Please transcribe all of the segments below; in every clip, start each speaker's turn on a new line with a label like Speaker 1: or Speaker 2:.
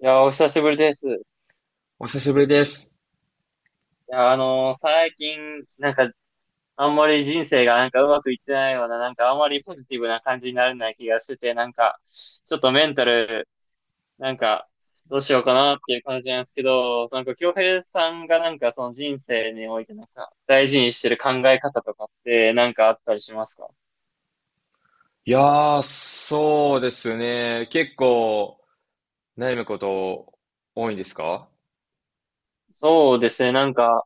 Speaker 1: いや、お久しぶりです。い
Speaker 2: お久しぶりです。
Speaker 1: や、最近、なんか、あんまり人生がなんかうまくいってないような、なんかあんまりポジティブな感じになれない気がしてて、なんか、ちょっとメンタル、なんか、どうしようかなっていう感じなんですけど、なんか、京平さんがなんかその人生においてなんか、大事にしてる考え方とかって、なんかあったりしますか？
Speaker 2: いやそうですね。結構悩むこと多いんですか？
Speaker 1: そうですね、なんか、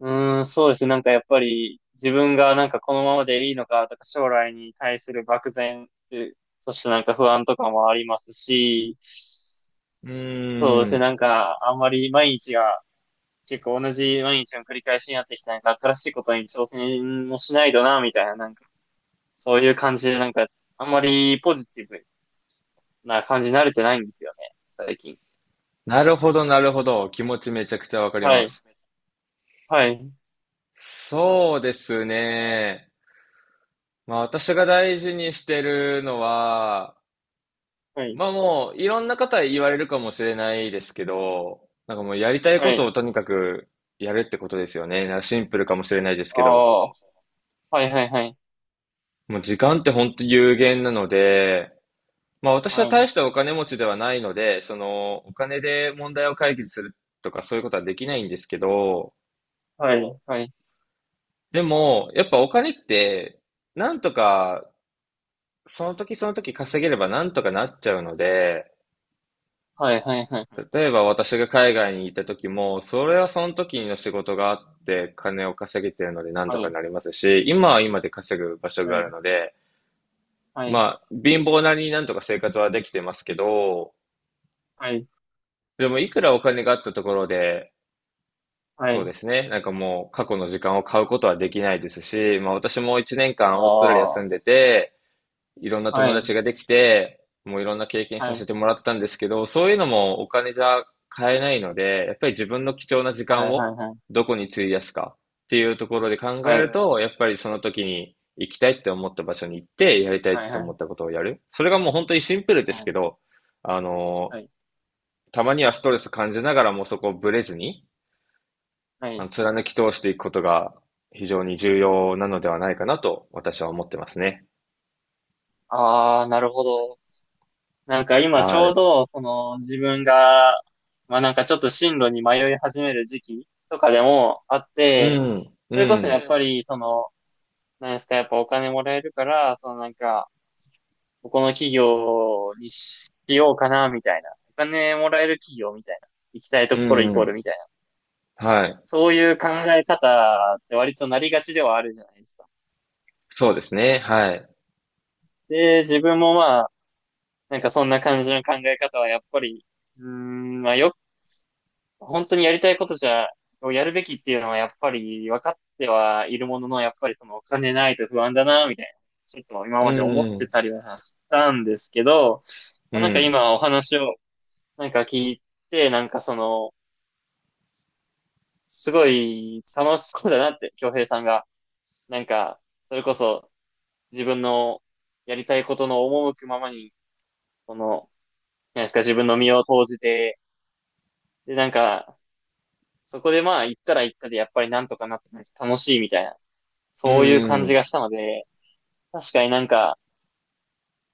Speaker 1: うーん、そうですね、なんかやっぱり自分がなんかこのままでいいのかとか将来に対する漠然っていう、そしてなんか不安とかもありますし、
Speaker 2: うー
Speaker 1: そうですね、
Speaker 2: ん。
Speaker 1: なんかあんまり毎日が結構同じ毎日の繰り返しになってきた、なんか新しいことに挑戦もしないとな、みたいな、なんかそういう感じでなんかあんまりポジティブな感じに慣れてないんですよね、最近。
Speaker 2: なるほど、なるほど。気持ちめちゃくちゃわかり
Speaker 1: は
Speaker 2: ま
Speaker 1: い。
Speaker 2: す。
Speaker 1: はい。
Speaker 2: そうですね。まあ私が大事にしてるのは、
Speaker 1: はい。
Speaker 2: まあもういろんな方言われるかもしれないですけど、もうやりたい
Speaker 1: は
Speaker 2: こと
Speaker 1: い。
Speaker 2: をとにかくやるってことですよね。シンプルかもしれないですけ
Speaker 1: あ
Speaker 2: ど、
Speaker 1: あ。はいはいはい。
Speaker 2: もう時間って本当有限なので、まあ私
Speaker 1: は
Speaker 2: は
Speaker 1: い。
Speaker 2: 大したお金持ちではないので、そのお金で問題を解決するとかそういうことはできないんですけど、
Speaker 1: はい。はい。
Speaker 2: でもやっぱお金ってなんとかその時その時稼げればなんとかなっちゃうので、
Speaker 1: はい。はい。
Speaker 2: 例えば私が海外に行った時も、それはその時の仕事があって金を稼げてるのでなんと
Speaker 1: は
Speaker 2: か
Speaker 1: い。
Speaker 2: なりますし、今は今で稼ぐ場所
Speaker 1: は
Speaker 2: がある
Speaker 1: い。
Speaker 2: ので、
Speaker 1: はい。
Speaker 2: まあ貧乏なりになんとか生活はできてますけど、
Speaker 1: はい。
Speaker 2: でもいくらお金があったところで、
Speaker 1: はい。は
Speaker 2: そう
Speaker 1: い。
Speaker 2: ですね。もう過去の時間を買うことはできないですし、まあ私も1年間オーストラリア
Speaker 1: あ
Speaker 2: 住んで
Speaker 1: あ。
Speaker 2: て、いろんな
Speaker 1: は
Speaker 2: 友
Speaker 1: い。
Speaker 2: 達ができて、もういろんな経験
Speaker 1: は
Speaker 2: さ
Speaker 1: い。
Speaker 2: せてもらったんですけど、そういうのもお金じゃ買えないので、やっぱり自分の貴重な時
Speaker 1: は
Speaker 2: 間
Speaker 1: い。
Speaker 2: を
Speaker 1: はい。
Speaker 2: どこに費やすかっていうところで考え
Speaker 1: はい。
Speaker 2: る
Speaker 1: は
Speaker 2: と、やっぱりその時に行きたいって思った場所に行って、やりたい
Speaker 1: い。
Speaker 2: って
Speaker 1: は
Speaker 2: 思
Speaker 1: い。
Speaker 2: ったことをやる。それがもう本当にシンプルです
Speaker 1: は
Speaker 2: け
Speaker 1: い。
Speaker 2: ど、あの、
Speaker 1: はい。
Speaker 2: たまにはストレス感じながらもそこをブレずに、
Speaker 1: はい。
Speaker 2: 貫き通していくことが非常に重要なのではないかなと私は思ってますね。
Speaker 1: ああ、なるほど。なんか今ち
Speaker 2: は
Speaker 1: ょう
Speaker 2: い。
Speaker 1: ど、その自分が、まあなんかちょっと進路に迷い始める時期とかでもあっ
Speaker 2: う
Speaker 1: て、
Speaker 2: ん、う
Speaker 1: それこそや
Speaker 2: ん、
Speaker 1: っぱり、その、なんですか、やっぱお金もらえるから、そのなんか、ここの企業にしようかな、みたいな。お金もらえる企業みたいな。行きたいと
Speaker 2: う
Speaker 1: ころイ
Speaker 2: ん、う
Speaker 1: コー
Speaker 2: ん。
Speaker 1: ルみたいな。
Speaker 2: はい。
Speaker 1: そういう考え方って割となりがちではあるじゃないですか。
Speaker 2: そうですね。はい。
Speaker 1: で、自分もまあ、なんかそんな感じの考え方はやっぱり、うーん、まあよ、本当にやりたいことじゃ、をやるべきっていうのはやっぱり分かってはいるものの、やっぱりそのお金ないと不安だな、みたいな。ちょっと今
Speaker 2: う
Speaker 1: まで思って
Speaker 2: ん、
Speaker 1: たりはしたんですけど、
Speaker 2: う
Speaker 1: まあ、なんか
Speaker 2: ん、
Speaker 1: 今お話をなんか聞いて、なんかその、すごい楽しそうだなって、京平さんが。なんか、それこそ自分のやりたいことの赴くままに、この、なんですか、自分の身を投じて、で、なんか、そこでまあ、行ったら行ったで、やっぱりなんとかなって、なんか楽しいみたいな、
Speaker 2: う
Speaker 1: そういう感
Speaker 2: ん、う
Speaker 1: じが
Speaker 2: ん、
Speaker 1: したので、確かになんか、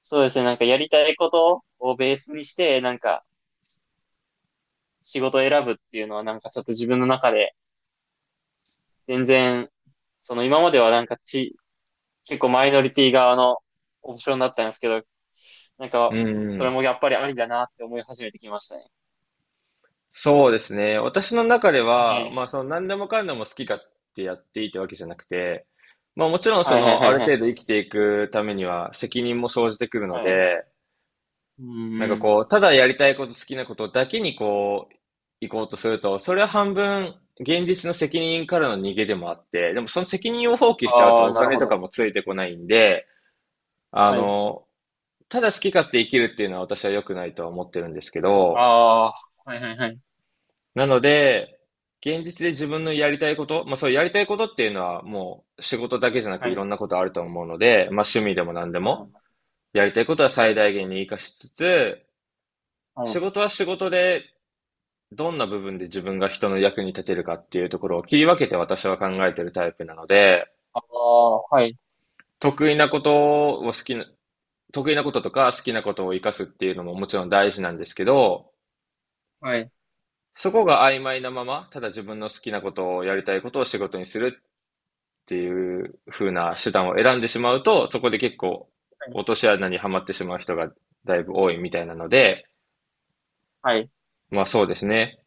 Speaker 1: そうですね、なんかやりたいことをベースにして、なんか、仕事を選ぶっていうのは、なんかちょっと自分の中で、全然、その今まではなんかち、結構マイノリティ側のオプションだったんですけど、なん
Speaker 2: う
Speaker 1: か、
Speaker 2: ん、う
Speaker 1: それ
Speaker 2: ん。
Speaker 1: もやっぱりありだなって思い始めてきましたね。
Speaker 2: そうですね。私の中で
Speaker 1: は
Speaker 2: は、ま
Speaker 1: い。
Speaker 2: あ、その何でもかんでも好きかってやっていいってわけじゃなくて、まあ、もちろんそ
Speaker 1: はいはい
Speaker 2: の
Speaker 1: は
Speaker 2: あ
Speaker 1: い
Speaker 2: る
Speaker 1: は
Speaker 2: 程
Speaker 1: い。
Speaker 2: 度生きていくためには責任も生じてくるの
Speaker 1: はい。
Speaker 2: で、
Speaker 1: うんうん。
Speaker 2: こう、ただやりたいこと、好きなことだけにこう、行こうとすると、それは半分、現実の責任からの逃げでもあって、でもその責任を放棄しちゃう
Speaker 1: あ
Speaker 2: と
Speaker 1: あ、
Speaker 2: お
Speaker 1: なる
Speaker 2: 金
Speaker 1: ほ
Speaker 2: とか
Speaker 1: ど。
Speaker 2: もついてこないんで、あ
Speaker 1: はい。
Speaker 2: の、ただ好き勝手生きるっていうのは私は良くないとは思ってるんですけど、
Speaker 1: ああ、はいはいはい。
Speaker 2: なので、現実で自分のやりたいこと、まあそうやりたいことっていうのはもう仕事だけじゃな
Speaker 1: は
Speaker 2: くい
Speaker 1: い。
Speaker 2: ろんなことあると思うので、まあ趣味でも何で
Speaker 1: は
Speaker 2: も、
Speaker 1: い。
Speaker 2: やりたいことは
Speaker 1: は
Speaker 2: 最
Speaker 1: い。
Speaker 2: 大限に活かしつつ、
Speaker 1: は
Speaker 2: 仕
Speaker 1: い。
Speaker 2: 事は仕事でどんな部分で自分が人の役に立てるかっていうところを切り分けて私は考えてるタイプなので、
Speaker 1: ああ、はい。
Speaker 2: 得意なことを好きな、得意なこととか好きなことを活かすっていうのももちろん大事なんですけど、
Speaker 1: はい。
Speaker 2: そこが曖昧なまま、ただ自分の好きなことをやりたいことを仕事にするっていう風な手段を選んでしまうと、そこで結構
Speaker 1: はい。
Speaker 2: 落とし穴にはまってしまう人がだいぶ多いみたいなので、
Speaker 1: はい。
Speaker 2: まあそうですね。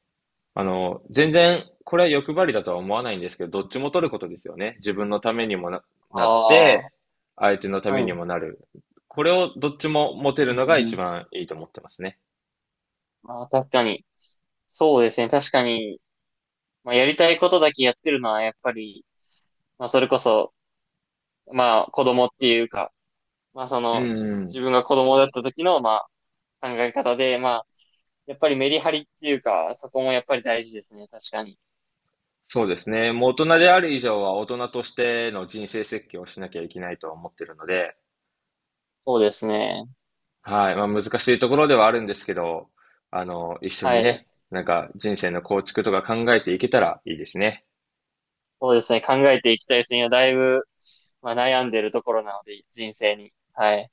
Speaker 2: 全然、これは欲張りだとは思わないんですけど、どっちも取ることですよね。自分のためにもな、なっ
Speaker 1: あ
Speaker 2: て、相手のた
Speaker 1: あは
Speaker 2: め
Speaker 1: い。う
Speaker 2: に
Speaker 1: ん
Speaker 2: もなる。これをどっちも持て
Speaker 1: う
Speaker 2: る
Speaker 1: ん
Speaker 2: のが
Speaker 1: う
Speaker 2: 一
Speaker 1: ん。
Speaker 2: 番いいと思ってますね。
Speaker 1: ああ確かに。そうですね。確かに、まあ、やりたいことだけやってるのは、やっぱり、まあ、それこそ、まあ、子供っていうか、まあそ
Speaker 2: うん
Speaker 1: の、
Speaker 2: う
Speaker 1: 自
Speaker 2: ん。
Speaker 1: 分が子供だった時の、まあ考え方で、まあ、やっぱりメリハリっていうか、そこもやっぱり大事ですね。確かに。
Speaker 2: そうですね。もう大人である以上は大人としての人生設計をしなきゃいけないとは思ってるので、
Speaker 1: そうですね。
Speaker 2: はい。まあ難しいところではあるんですけど、一緒に
Speaker 1: はい。
Speaker 2: ね、人生の構築とか考えていけたらいいですね。
Speaker 1: そうですね。考えていきたいですね。今だいぶ、まあ悩んでるところなので、人生に。はい。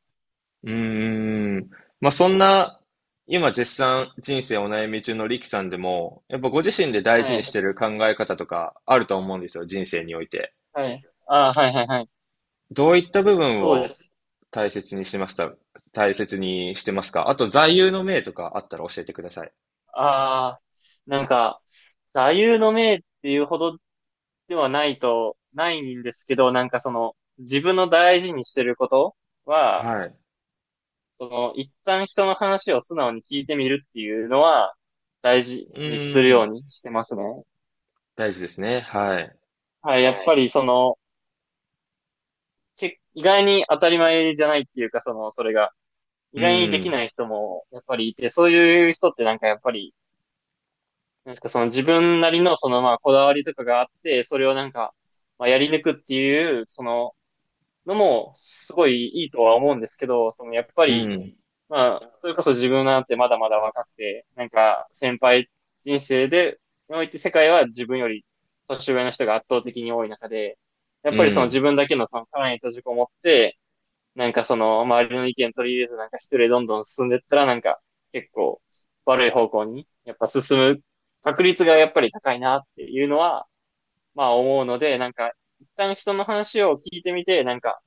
Speaker 2: うーん。まあ、そんな、今絶賛人生お悩み中のリキさんでも、やっぱご自身で大事
Speaker 1: は
Speaker 2: に
Speaker 1: い。
Speaker 2: してる考え方とかあると思うんですよ、人生において。
Speaker 1: はい。ああ、はいはいはい。
Speaker 2: どういった部分
Speaker 1: そうで
Speaker 2: を
Speaker 1: す。
Speaker 2: 大切にしてますか大切にしてますか？あと、座右の銘とかあったら教えてください。
Speaker 1: ああ、なんか、座右の銘っていうほどではないと、ないんですけど、なんかその、自分の大事にしてることは、
Speaker 2: はい。
Speaker 1: その、一旦人の話を素直に聞いてみるっていうのは、大事
Speaker 2: う
Speaker 1: にする
Speaker 2: ー
Speaker 1: よう
Speaker 2: ん。
Speaker 1: にしてますね。
Speaker 2: 大事ですね。はい。
Speaker 1: はい、やっぱりその、意外に当たり前じゃないっていうか、その、それが、意
Speaker 2: う
Speaker 1: 外にでき
Speaker 2: ん。
Speaker 1: ない人も、やっぱりいて、そういう人ってなんかやっぱり、なんかその自分なりのそのまあこだわりとかがあって、それをなんか、まあやり抜くっていう、その、のも、すごいいいとは思うんですけど、そのやっぱ
Speaker 2: う
Speaker 1: り、
Speaker 2: ん。
Speaker 1: まあ、それこそ自分なんてまだまだ若くて、なんか人生で、において、世界は自分より年上の人が圧倒的に多い中で、やっ
Speaker 2: う
Speaker 1: ぱりその自
Speaker 2: ん。
Speaker 1: 分だけのその殻に閉じこもって、なんかその周りの意見取り入れずなんか一人でどんどん進んでったらなんか結構悪い方向にやっぱ進む確率がやっぱり高いなっていうのはまあ思うので、なんか一旦人の話を聞いてみて、なんか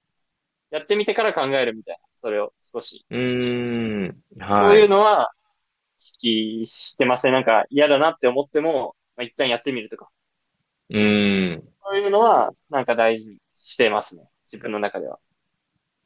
Speaker 1: やってみてから考えるみたいな、それを少し。
Speaker 2: うーん。
Speaker 1: そ
Speaker 2: は
Speaker 1: う
Speaker 2: い。
Speaker 1: いう
Speaker 2: う
Speaker 1: のは意識してますね。なんか嫌だなって思っても、まあ、一旦やってみるとか。
Speaker 2: ーん。
Speaker 1: そういうのは、なんか大事にしてますね。自分の中では。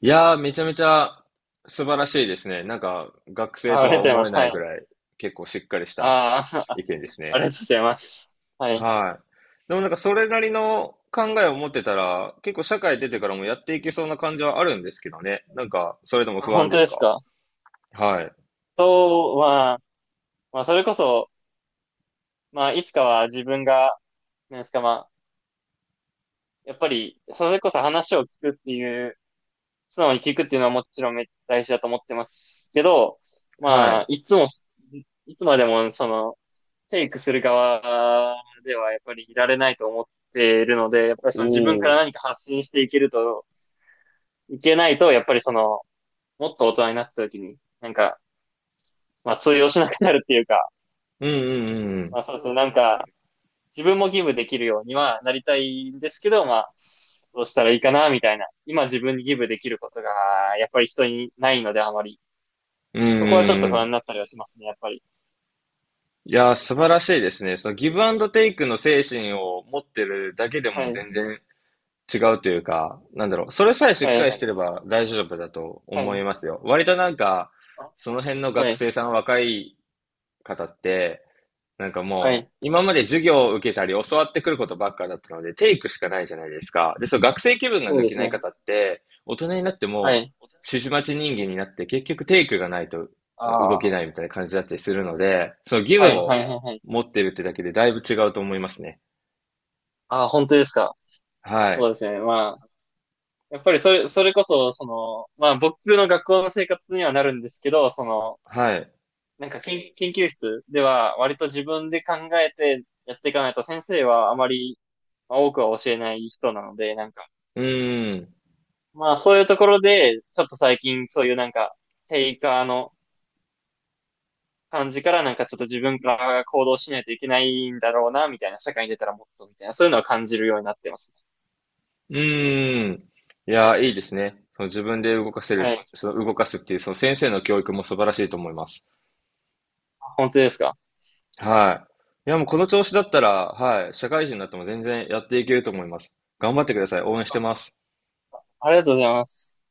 Speaker 2: いやー、めちゃめちゃ素晴らしいですね。学生
Speaker 1: あ、あ
Speaker 2: と
Speaker 1: り
Speaker 2: は
Speaker 1: がとうございま
Speaker 2: 思え
Speaker 1: す。
Speaker 2: な
Speaker 1: は
Speaker 2: いぐ
Speaker 1: い。
Speaker 2: らい、結構しっかりした
Speaker 1: ああ、
Speaker 2: 意見です
Speaker 1: あ
Speaker 2: ね。
Speaker 1: りがとうございます。はい。
Speaker 2: はい。でもなんか、それなりの考えを持ってたら、結構社会出てからもやっていけそうな感じはあるんですけどね。なんか、それでも
Speaker 1: あ、
Speaker 2: 不安
Speaker 1: 本
Speaker 2: で
Speaker 1: 当
Speaker 2: す
Speaker 1: です
Speaker 2: か？
Speaker 1: か？
Speaker 2: はい。
Speaker 1: そうは、まあ、それこそ、まあ、いつかは自分が、なんですか、まあ、やっぱり、それこそ話を聞くっていう、素直に聞くっていうのはもちろんめっちゃ大事だと思ってますけど、
Speaker 2: は
Speaker 1: まあ、
Speaker 2: い。
Speaker 1: いつも、いつまでも、その、テイクする側ではやっぱりいられないと思っているので、やっぱり
Speaker 2: お
Speaker 1: その自分から
Speaker 2: お。
Speaker 1: 何か発信していけると、いけないと、やっぱりその、もっと大人になった時に、なんか、まあ通用しなくなるっていうか、
Speaker 2: うんう
Speaker 1: ま
Speaker 2: ん
Speaker 1: あそうですね、なんか、自分もギブできるようにはなりたいんですけど、まあ、どうしたらいいかな、みたいな。今自分にギブできることが、やっぱり人にないのであまり。
Speaker 2: うんうん。う
Speaker 1: そこはちょっ
Speaker 2: ん
Speaker 1: と
Speaker 2: うん
Speaker 1: 不
Speaker 2: う
Speaker 1: 安に
Speaker 2: ん。
Speaker 1: なったりはしますね、やっぱり。
Speaker 2: いやー、素晴らしいですね。そのギブアンドテイクの精神を持ってるだけで
Speaker 1: は
Speaker 2: も
Speaker 1: い。
Speaker 2: 全然違うというか、なんだろう、それさえし
Speaker 1: は
Speaker 2: っか
Speaker 1: い。
Speaker 2: り
Speaker 1: は
Speaker 2: してれ
Speaker 1: い。
Speaker 2: ば大丈夫だと思いますよ。割となんか、その辺の
Speaker 1: は
Speaker 2: 学
Speaker 1: い。
Speaker 2: 生さん、若い方って、
Speaker 1: は
Speaker 2: も
Speaker 1: い。
Speaker 2: う、今まで授業を受けたり教わってくることばっかだったので、テイクしかないじゃないですか。で、そう、学生気分が
Speaker 1: そう
Speaker 2: 抜
Speaker 1: で
Speaker 2: け
Speaker 1: す
Speaker 2: ない
Speaker 1: ね。
Speaker 2: 方って、大人になって
Speaker 1: は
Speaker 2: も、
Speaker 1: い。
Speaker 2: 指示待ち人間になって、結局テイクがないと
Speaker 1: あ
Speaker 2: 動けな
Speaker 1: あ。
Speaker 2: いみたいな感じだったりするので、その義
Speaker 1: は
Speaker 2: 務
Speaker 1: い、は
Speaker 2: を
Speaker 1: い、はい、はい。
Speaker 2: 持ってるってだけでだいぶ違うと思いますね。
Speaker 1: ああ、本当ですか？
Speaker 2: は
Speaker 1: そ
Speaker 2: い。
Speaker 1: うですね。まあ、やっぱりそれ、それこそ、その、まあ、僕の学校の生活にはなるんですけど、その、
Speaker 2: はい。
Speaker 1: なんか研究室では、割と自分で考えてやっていかないと、先生はあまり、まあ、多くは教えない人なので、なんか、
Speaker 2: うーん。
Speaker 1: まあ、そういうところで、ちょっと最近、そういうなんか、テイカーの感じから、なんかちょっと自分から行動しないといけないんだろうな、みたいな、社会に出たらもっと、みたいな、そういうのは感じるようになってますね。
Speaker 2: うーん。いや、いいですね。その自分で動かせ
Speaker 1: は
Speaker 2: る、
Speaker 1: い。
Speaker 2: その動かすっていう、その先生の教育も素晴らしいと思います。
Speaker 1: 本当ですか？
Speaker 2: はい。いや、もうこの調子だったら、はい、社会人になっても全然やっていけると思います。頑張ってください。応援してます。
Speaker 1: ありがとうございます。